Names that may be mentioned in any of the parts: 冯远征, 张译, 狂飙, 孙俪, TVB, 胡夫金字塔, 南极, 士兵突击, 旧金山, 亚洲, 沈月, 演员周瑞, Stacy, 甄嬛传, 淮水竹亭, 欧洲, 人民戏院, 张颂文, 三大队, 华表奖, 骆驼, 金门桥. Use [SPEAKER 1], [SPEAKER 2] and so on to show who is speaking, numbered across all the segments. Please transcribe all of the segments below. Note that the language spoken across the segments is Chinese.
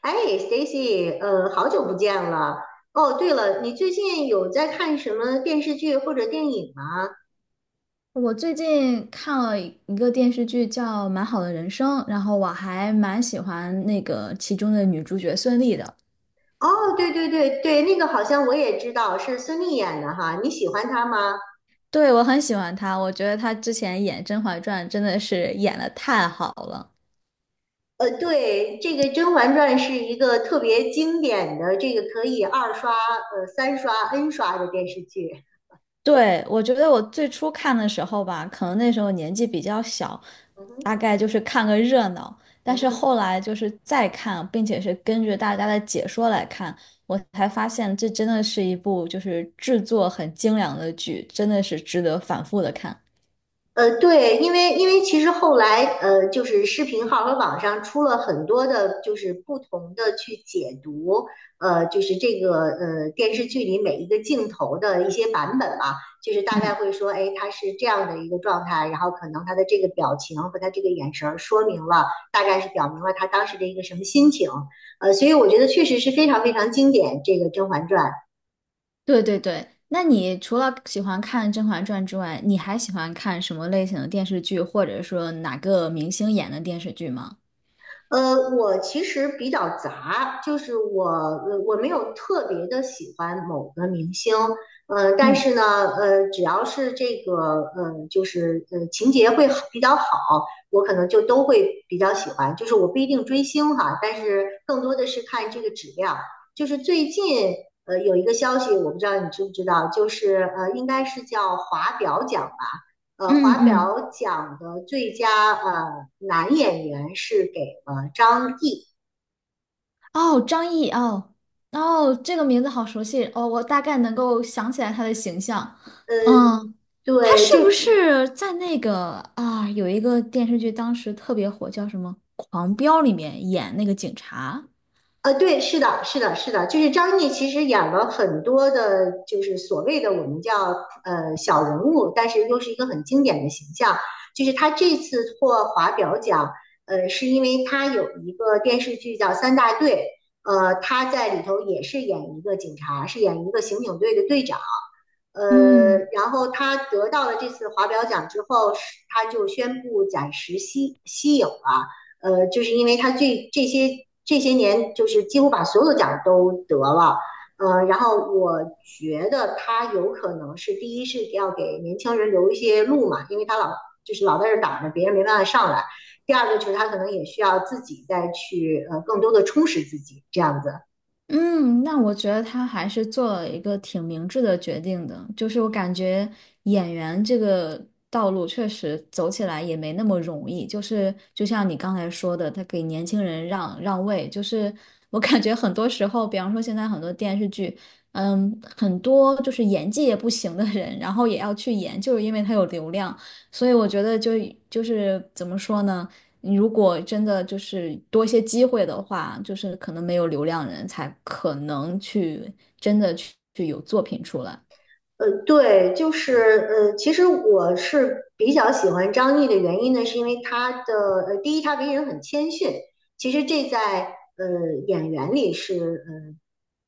[SPEAKER 1] 哎，Stacy，好久不见了。哦，对了，你最近有在看什么电视剧或者电影吗？
[SPEAKER 2] 我最近看了一个电视剧叫《蛮好的人生》，然后我还蛮喜欢那个其中的女主角孙俪的。
[SPEAKER 1] 哦，对对对对，那个好像我也知道，是孙俪演的哈。你喜欢她吗？
[SPEAKER 2] 对，我很喜欢她，我觉得她之前演《甄嬛传》真的是演的太好了。
[SPEAKER 1] 对，这个《甄嬛传》是一个特别经典的，这个可以二刷、三刷、N 刷的电视剧。
[SPEAKER 2] 对，我觉得我最初看的时候吧，可能那时候年纪比较小，
[SPEAKER 1] 嗯哼。
[SPEAKER 2] 大概就是看个热闹。但
[SPEAKER 1] 嗯
[SPEAKER 2] 是后
[SPEAKER 1] 哼。
[SPEAKER 2] 来就是再看，并且是根据大家的解说来看，我才发现这真的是一部就是制作很精良的剧，真的是值得反复的看。
[SPEAKER 1] 对，因为其实后来，就是视频号和网上出了很多的，就是不同的去解读，就是这个电视剧里每一个镜头的一些版本嘛，就是大概
[SPEAKER 2] 嗯，
[SPEAKER 1] 会说，哎，他是这样的一个状态，然后可能他的这个表情和他这个眼神儿说明了，大概是表明了他当时的一个什么心情，所以我觉得确实是非常非常经典，这个《甄嬛传》。
[SPEAKER 2] 对对对。那你除了喜欢看《甄嬛传》之外，你还喜欢看什么类型的电视剧，或者说哪个明星演的电视剧吗？
[SPEAKER 1] 我其实比较杂,就是我没有特别的喜欢某个明星，但
[SPEAKER 2] 嗯
[SPEAKER 1] 是呢，只要是这个就是情节会好比较好，我可能就都会比较喜欢。就是我不一定追星哈，但是更多的是看这个质量。就是最近有一个消息，我不知道你知不知道，就是应该是叫华表奖吧。
[SPEAKER 2] 嗯
[SPEAKER 1] 华
[SPEAKER 2] 嗯。
[SPEAKER 1] 表奖的最佳男演员是给了张译。
[SPEAKER 2] 哦，张译哦哦，这个名字好熟悉哦，我大概能够想起来他的形象。
[SPEAKER 1] 呃，
[SPEAKER 2] 嗯，他
[SPEAKER 1] 对，
[SPEAKER 2] 是
[SPEAKER 1] 就
[SPEAKER 2] 不是在那个啊有一个电视剧当时特别火，叫什么《狂飙》里面演那个警察？
[SPEAKER 1] 对，是的，是的，是的，就是张译其实演了很多的，就是所谓的我们叫小人物，但是又是一个很经典的形象。就是他这次获华表奖，是因为他有一个电视剧叫《三大队》，他在里头也是演一个警察，是演一个刑警队的队长。
[SPEAKER 2] 嗯，
[SPEAKER 1] 然后他得到了这次华表奖之后，是他就宣布暂时息影了。就是因为他这些年就是几乎把所有的奖都得了，然后我觉得他有可能是第一是要给年轻人留一些路嘛，因为他就是老在这挡着，别人没办法上来。第二个就是他可能也需要自己再去更多的充实自己这样子。
[SPEAKER 2] 嗯，那我觉得他还是做了一个挺明智的决定的，就是我感觉演员这个道路确实走起来也没那么容易，就是就像你刚才说的，他给年轻人让位，就是我感觉很多时候，比方说现在很多电视剧，嗯，很多就是演技也不行的人，然后也要去演，就是因为他有流量，所以我觉得就是怎么说呢？你如果真的就是多一些机会的话，就是可能没有流量人才可能去真的去有作品出来。
[SPEAKER 1] 呃，对，就是其实我是比较喜欢张译的原因呢，是因为他的第一，他为人很谦逊，其实这在演员里是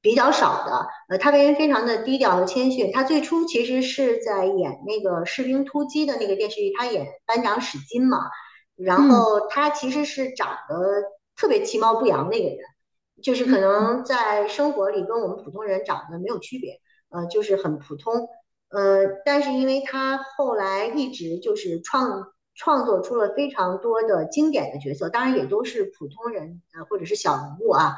[SPEAKER 1] 比较少的。他为人非常的低调和谦逊。他最初其实是在演那个《士兵突击》的那个电视剧，他演班长史金嘛。然
[SPEAKER 2] 嗯
[SPEAKER 1] 后他其实是长得特别其貌不扬的一个人，就是可能在生活里跟我们普通人长得没有区别。就是很普通。但是因为他后来一直就是创作出了非常多的经典的角色，当然也都是普通人或者是小人物啊，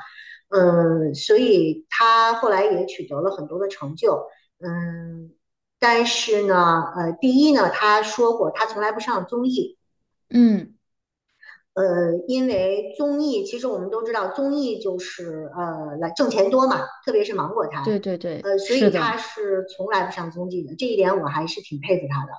[SPEAKER 1] 嗯，所以他后来也取得了很多的成就，嗯，但是呢，第一呢，他说过他从来不上综艺，
[SPEAKER 2] 嗯，
[SPEAKER 1] 呃，因为综艺，其实我们都知道，综艺就是来挣钱多嘛，特别是芒果台，
[SPEAKER 2] 对对对，
[SPEAKER 1] 所
[SPEAKER 2] 是
[SPEAKER 1] 以他
[SPEAKER 2] 的。
[SPEAKER 1] 是从来不上综艺的，这一点我还是挺佩服他的。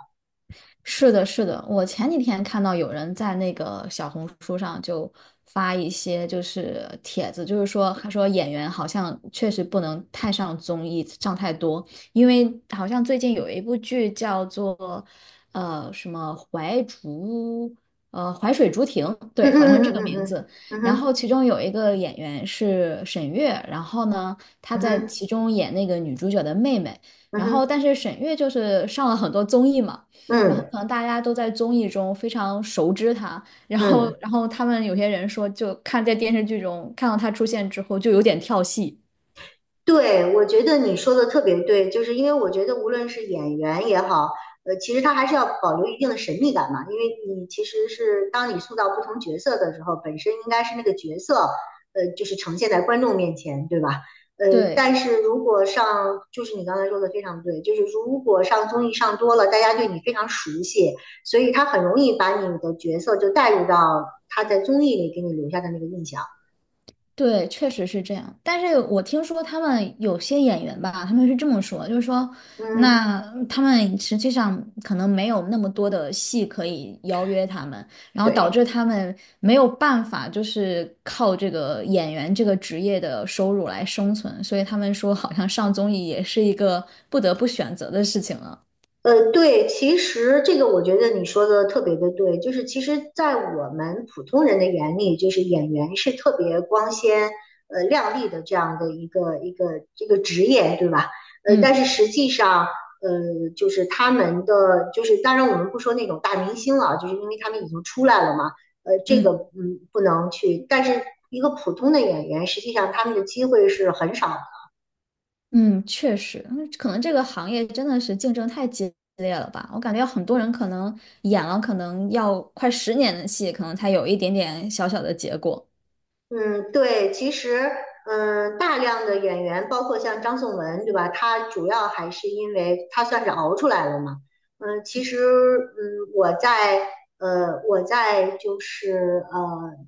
[SPEAKER 2] 是的，是的，我前几天看到有人在那个小红书上就发一些就是帖子，就是说他说演员好像确实不能太上综艺，上太多，因为好像最近有一部剧叫做什么淮水竹亭，
[SPEAKER 1] 嗯。
[SPEAKER 2] 对，好像是
[SPEAKER 1] 嗯。
[SPEAKER 2] 这个名
[SPEAKER 1] 嗯。
[SPEAKER 2] 字。
[SPEAKER 1] 嗯。
[SPEAKER 2] 然后
[SPEAKER 1] 嗯。
[SPEAKER 2] 其中有一个演员是沈月，然后呢她在
[SPEAKER 1] 嗯。
[SPEAKER 2] 其中演那个女主角的妹妹，
[SPEAKER 1] 嗯
[SPEAKER 2] 然
[SPEAKER 1] 哼。嗯哼。嗯
[SPEAKER 2] 后
[SPEAKER 1] 哼。
[SPEAKER 2] 但是沈月就是上了很多综艺嘛。然后
[SPEAKER 1] 嗯。
[SPEAKER 2] 可能大家都在综艺中非常熟知他，然
[SPEAKER 1] 嗯。
[SPEAKER 2] 后
[SPEAKER 1] 嗯。
[SPEAKER 2] 然后他们有些人说，就看在电视剧中看到他出现之后，就有点跳戏。
[SPEAKER 1] 对，我觉得你说的特别对，就是因为我觉得无论是演员也好，其实他还是要保留一定的神秘感嘛，因为你其实是当你塑造不同角色的时候，本身应该是那个角色，就是呈现在观众面前，对吧？呃，
[SPEAKER 2] 对，
[SPEAKER 1] 但是如果上，就是你刚才说的非常对，就是如果上综艺上多了，大家对你非常熟悉，所以他很容易把你的角色就带入到他在综艺里给你留下的那个印象。
[SPEAKER 2] 对，确实是这样。但是我听说他们有些演员吧，他们是这么说，就是说，
[SPEAKER 1] 嗯。
[SPEAKER 2] 那他们实际上可能没有那么多的戏可以邀约他们，然后导
[SPEAKER 1] 对。
[SPEAKER 2] 致他们没有办法，就是靠这个演员这个职业的收入来生存，所以他们说，好像上综艺也是一个不得不选择的事情了。
[SPEAKER 1] 对，其实这个我觉得你说的特别的对，就是其实，在我们普通人的眼里，就是演员是特别光鲜、亮丽的这样的一个这个职业，对吧？但
[SPEAKER 2] 嗯
[SPEAKER 1] 是实际上，就是他们的，就是当然我们不说那种大明星了，就是因为他们已经出来了嘛，这个
[SPEAKER 2] 嗯。
[SPEAKER 1] 嗯不能去，但是一个普通的演员，实际上他们的机会是很少的。
[SPEAKER 2] 嗯，确实，嗯可能这个行业真的是竞争太激烈了吧？我感觉很多人可能演了，可能要快10年的戏，可能才有一点点小小的结果。
[SPEAKER 1] 嗯，对，其实，嗯，大量的演员，包括像张颂文，对吧？他主要还是因为他算是熬出来了嘛。嗯，其实，嗯，我在就是，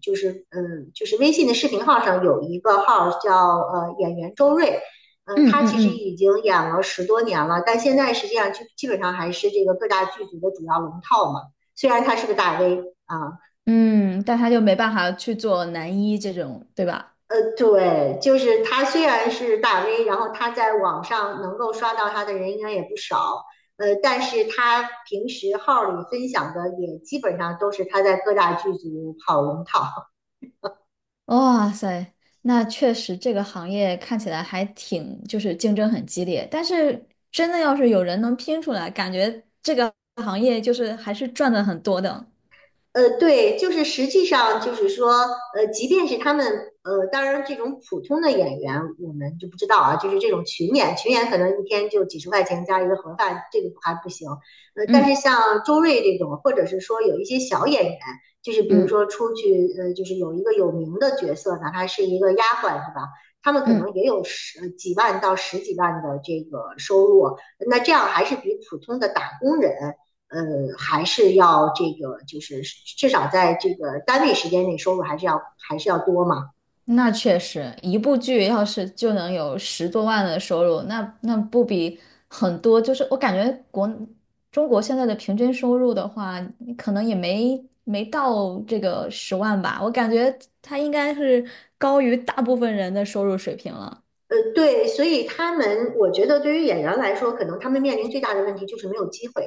[SPEAKER 1] 就是，嗯，就是微信的视频号上有一个号叫演员周瑞，
[SPEAKER 2] 嗯
[SPEAKER 1] 他其
[SPEAKER 2] 嗯
[SPEAKER 1] 实
[SPEAKER 2] 嗯
[SPEAKER 1] 已经演了十多年了，但现在实际上基本上还是这个各大剧组的主要龙套嘛。虽然他是个大 V 啊。
[SPEAKER 2] 嗯，但他就没办法去做男一这种，对吧？
[SPEAKER 1] 对，就是他虽然是大 V，然后他在网上能够刷到他的人应该也不少，但是他平时号里分享的也基本上都是他在各大剧组跑龙套。
[SPEAKER 2] 哇塞，那确实这个行业看起来还挺，就是竞争很激烈。但是真的要是有人能拼出来，感觉这个行业就是还是赚的很多的。
[SPEAKER 1] 对，就是实际上就是说，即便是他们，当然这种普通的演员我们就不知道啊，就是这种群演，群演可能一天就几十块钱加一个盒饭，这个还不行。但是
[SPEAKER 2] 嗯
[SPEAKER 1] 像周瑞这种，或者是说有一些小演员，就是比如
[SPEAKER 2] 嗯
[SPEAKER 1] 说出去，就是有一个有名的角色，哪怕是一个丫鬟，是吧？他们可
[SPEAKER 2] 嗯。
[SPEAKER 1] 能也有十几万到十几万的这个收入，那这样还是比普通的打工人。呃，还是要这个，就是至少在这个单位时间内收入还是要多嘛。
[SPEAKER 2] 那确实，一部剧要是就能有10多万的收入，那不比很多？就是我感觉中国现在的平均收入的话，可能也没到这个10万吧。我感觉它应该是高于大部分人的收入水平了。
[SPEAKER 1] 对，所以他们，我觉得对于演员来说，可能他们面临最大的问题就是没有机会。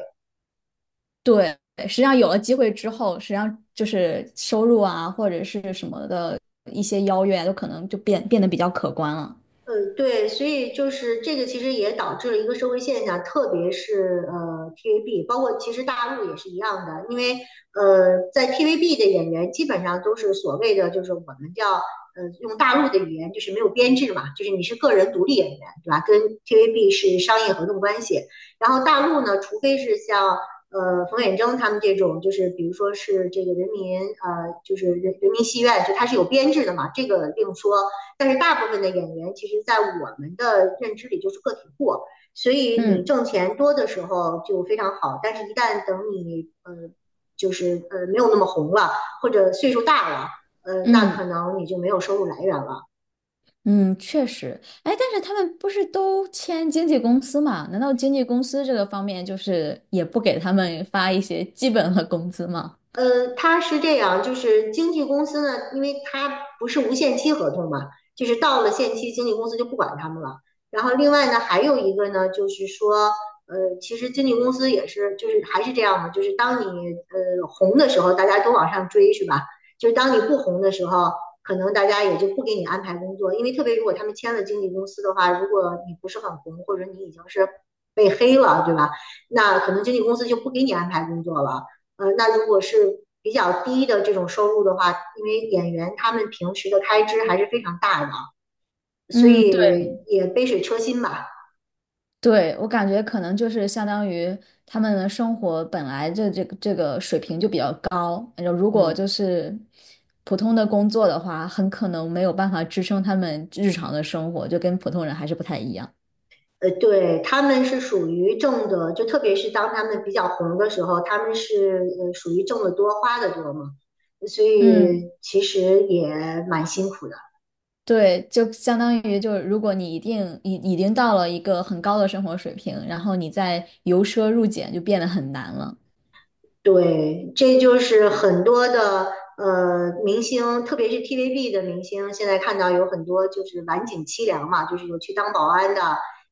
[SPEAKER 2] 对，实际上有了机会之后，实际上就是收入啊，或者是什么的一些邀约啊，都可能就变得比较可观了。
[SPEAKER 1] 对，所以就是这个，其实也导致了一个社会现象，特别是 TVB，包括其实大陆也是一样的，因为在 TVB 的演员基本上都是所谓的就是我们叫用大陆的语言就是没有编制嘛，就是你是个人独立演员，对吧？跟 TVB 是商业合同关系。然后大陆呢，除非是像冯远征他们这种，就是比如说是这个就是人民戏院，就他是有编制的嘛，这个另说。但是大部分的演员，其实在我们的认知里就是个体户，所以你
[SPEAKER 2] 嗯。
[SPEAKER 1] 挣钱多的时候就非常好，但是一旦等你就是没有那么红了，或者岁数大了，那
[SPEAKER 2] 嗯。
[SPEAKER 1] 可能你就没有收入来源了。
[SPEAKER 2] 嗯，确实，哎，但是他们不是都签经纪公司嘛？难道经纪公司这个方面就是也不给他们发一些基本的工资吗？
[SPEAKER 1] 他是这样，就是经纪公司呢，因为他不是无限期合同嘛，就是到了限期，经纪公司就不管他们了。然后另外呢，还有一个呢，就是说，其实经纪公司也是，就是还是这样嘛，就是当你红的时候，大家都往上追，是吧？就是当你不红的时候，可能大家也就不给你安排工作，因为特别如果他们签了经纪公司的话，如果你不是很红，或者你已经是被黑了，对吧？那可能经纪公司就不给你安排工作了。那如果是比较低的这种收入的话，因为演员他们平时的开支还是非常大的，所
[SPEAKER 2] 嗯，对
[SPEAKER 1] 以也杯水车薪吧。
[SPEAKER 2] 对，我感觉可能就是相当于他们的生活本来这个水平就比较高，然后如果就
[SPEAKER 1] 嗯，
[SPEAKER 2] 是普通的工作的话，很可能没有办法支撑他们日常的生活，就跟普通人还是不太一样。
[SPEAKER 1] 对，他们是属于挣的，就特别是当他们比较红的时候，他们是属于挣的多花的多嘛，所
[SPEAKER 2] 嗯。
[SPEAKER 1] 以其实也蛮辛苦的。
[SPEAKER 2] 对，就相当于就是，如果你一定已经到了一个很高的生活水平，然后你再由奢入俭就变得很难了。
[SPEAKER 1] 对，这就是很多的明星，特别是 TVB 的明星，现在看到有很多就是晚景凄凉嘛，就是有去当保安的，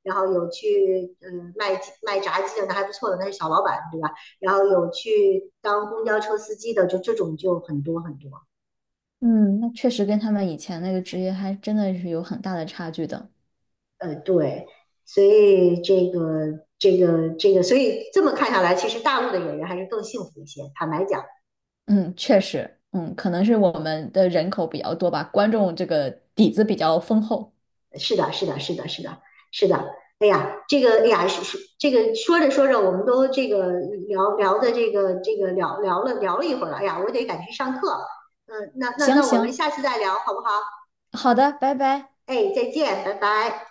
[SPEAKER 1] 然后有去卖鸡卖炸鸡的，那还不错的，那是小老板，对吧？然后有去当公交车司机的，就这种就很多很多。
[SPEAKER 2] 嗯，那确实跟他们以前那个职业还真的是有很大的差距的。
[SPEAKER 1] 对，所以这个,所以这么看下来，其实大陆的演员还是更幸福一些，坦白讲。
[SPEAKER 2] 嗯，确实，嗯，可能是我们的人口比较多吧，观众这个底子比较丰厚。
[SPEAKER 1] 是的，是的，是的，是的，是的。哎呀，这个，哎呀，是这个说着说着，我们都这个聊聊的这个这个聊聊了聊了一会儿了。哎呀，我得赶去上课。嗯，那那
[SPEAKER 2] 行
[SPEAKER 1] 那我们
[SPEAKER 2] 行，
[SPEAKER 1] 下次再聊好不好？
[SPEAKER 2] 好的，拜拜。
[SPEAKER 1] 哎，再见，拜拜。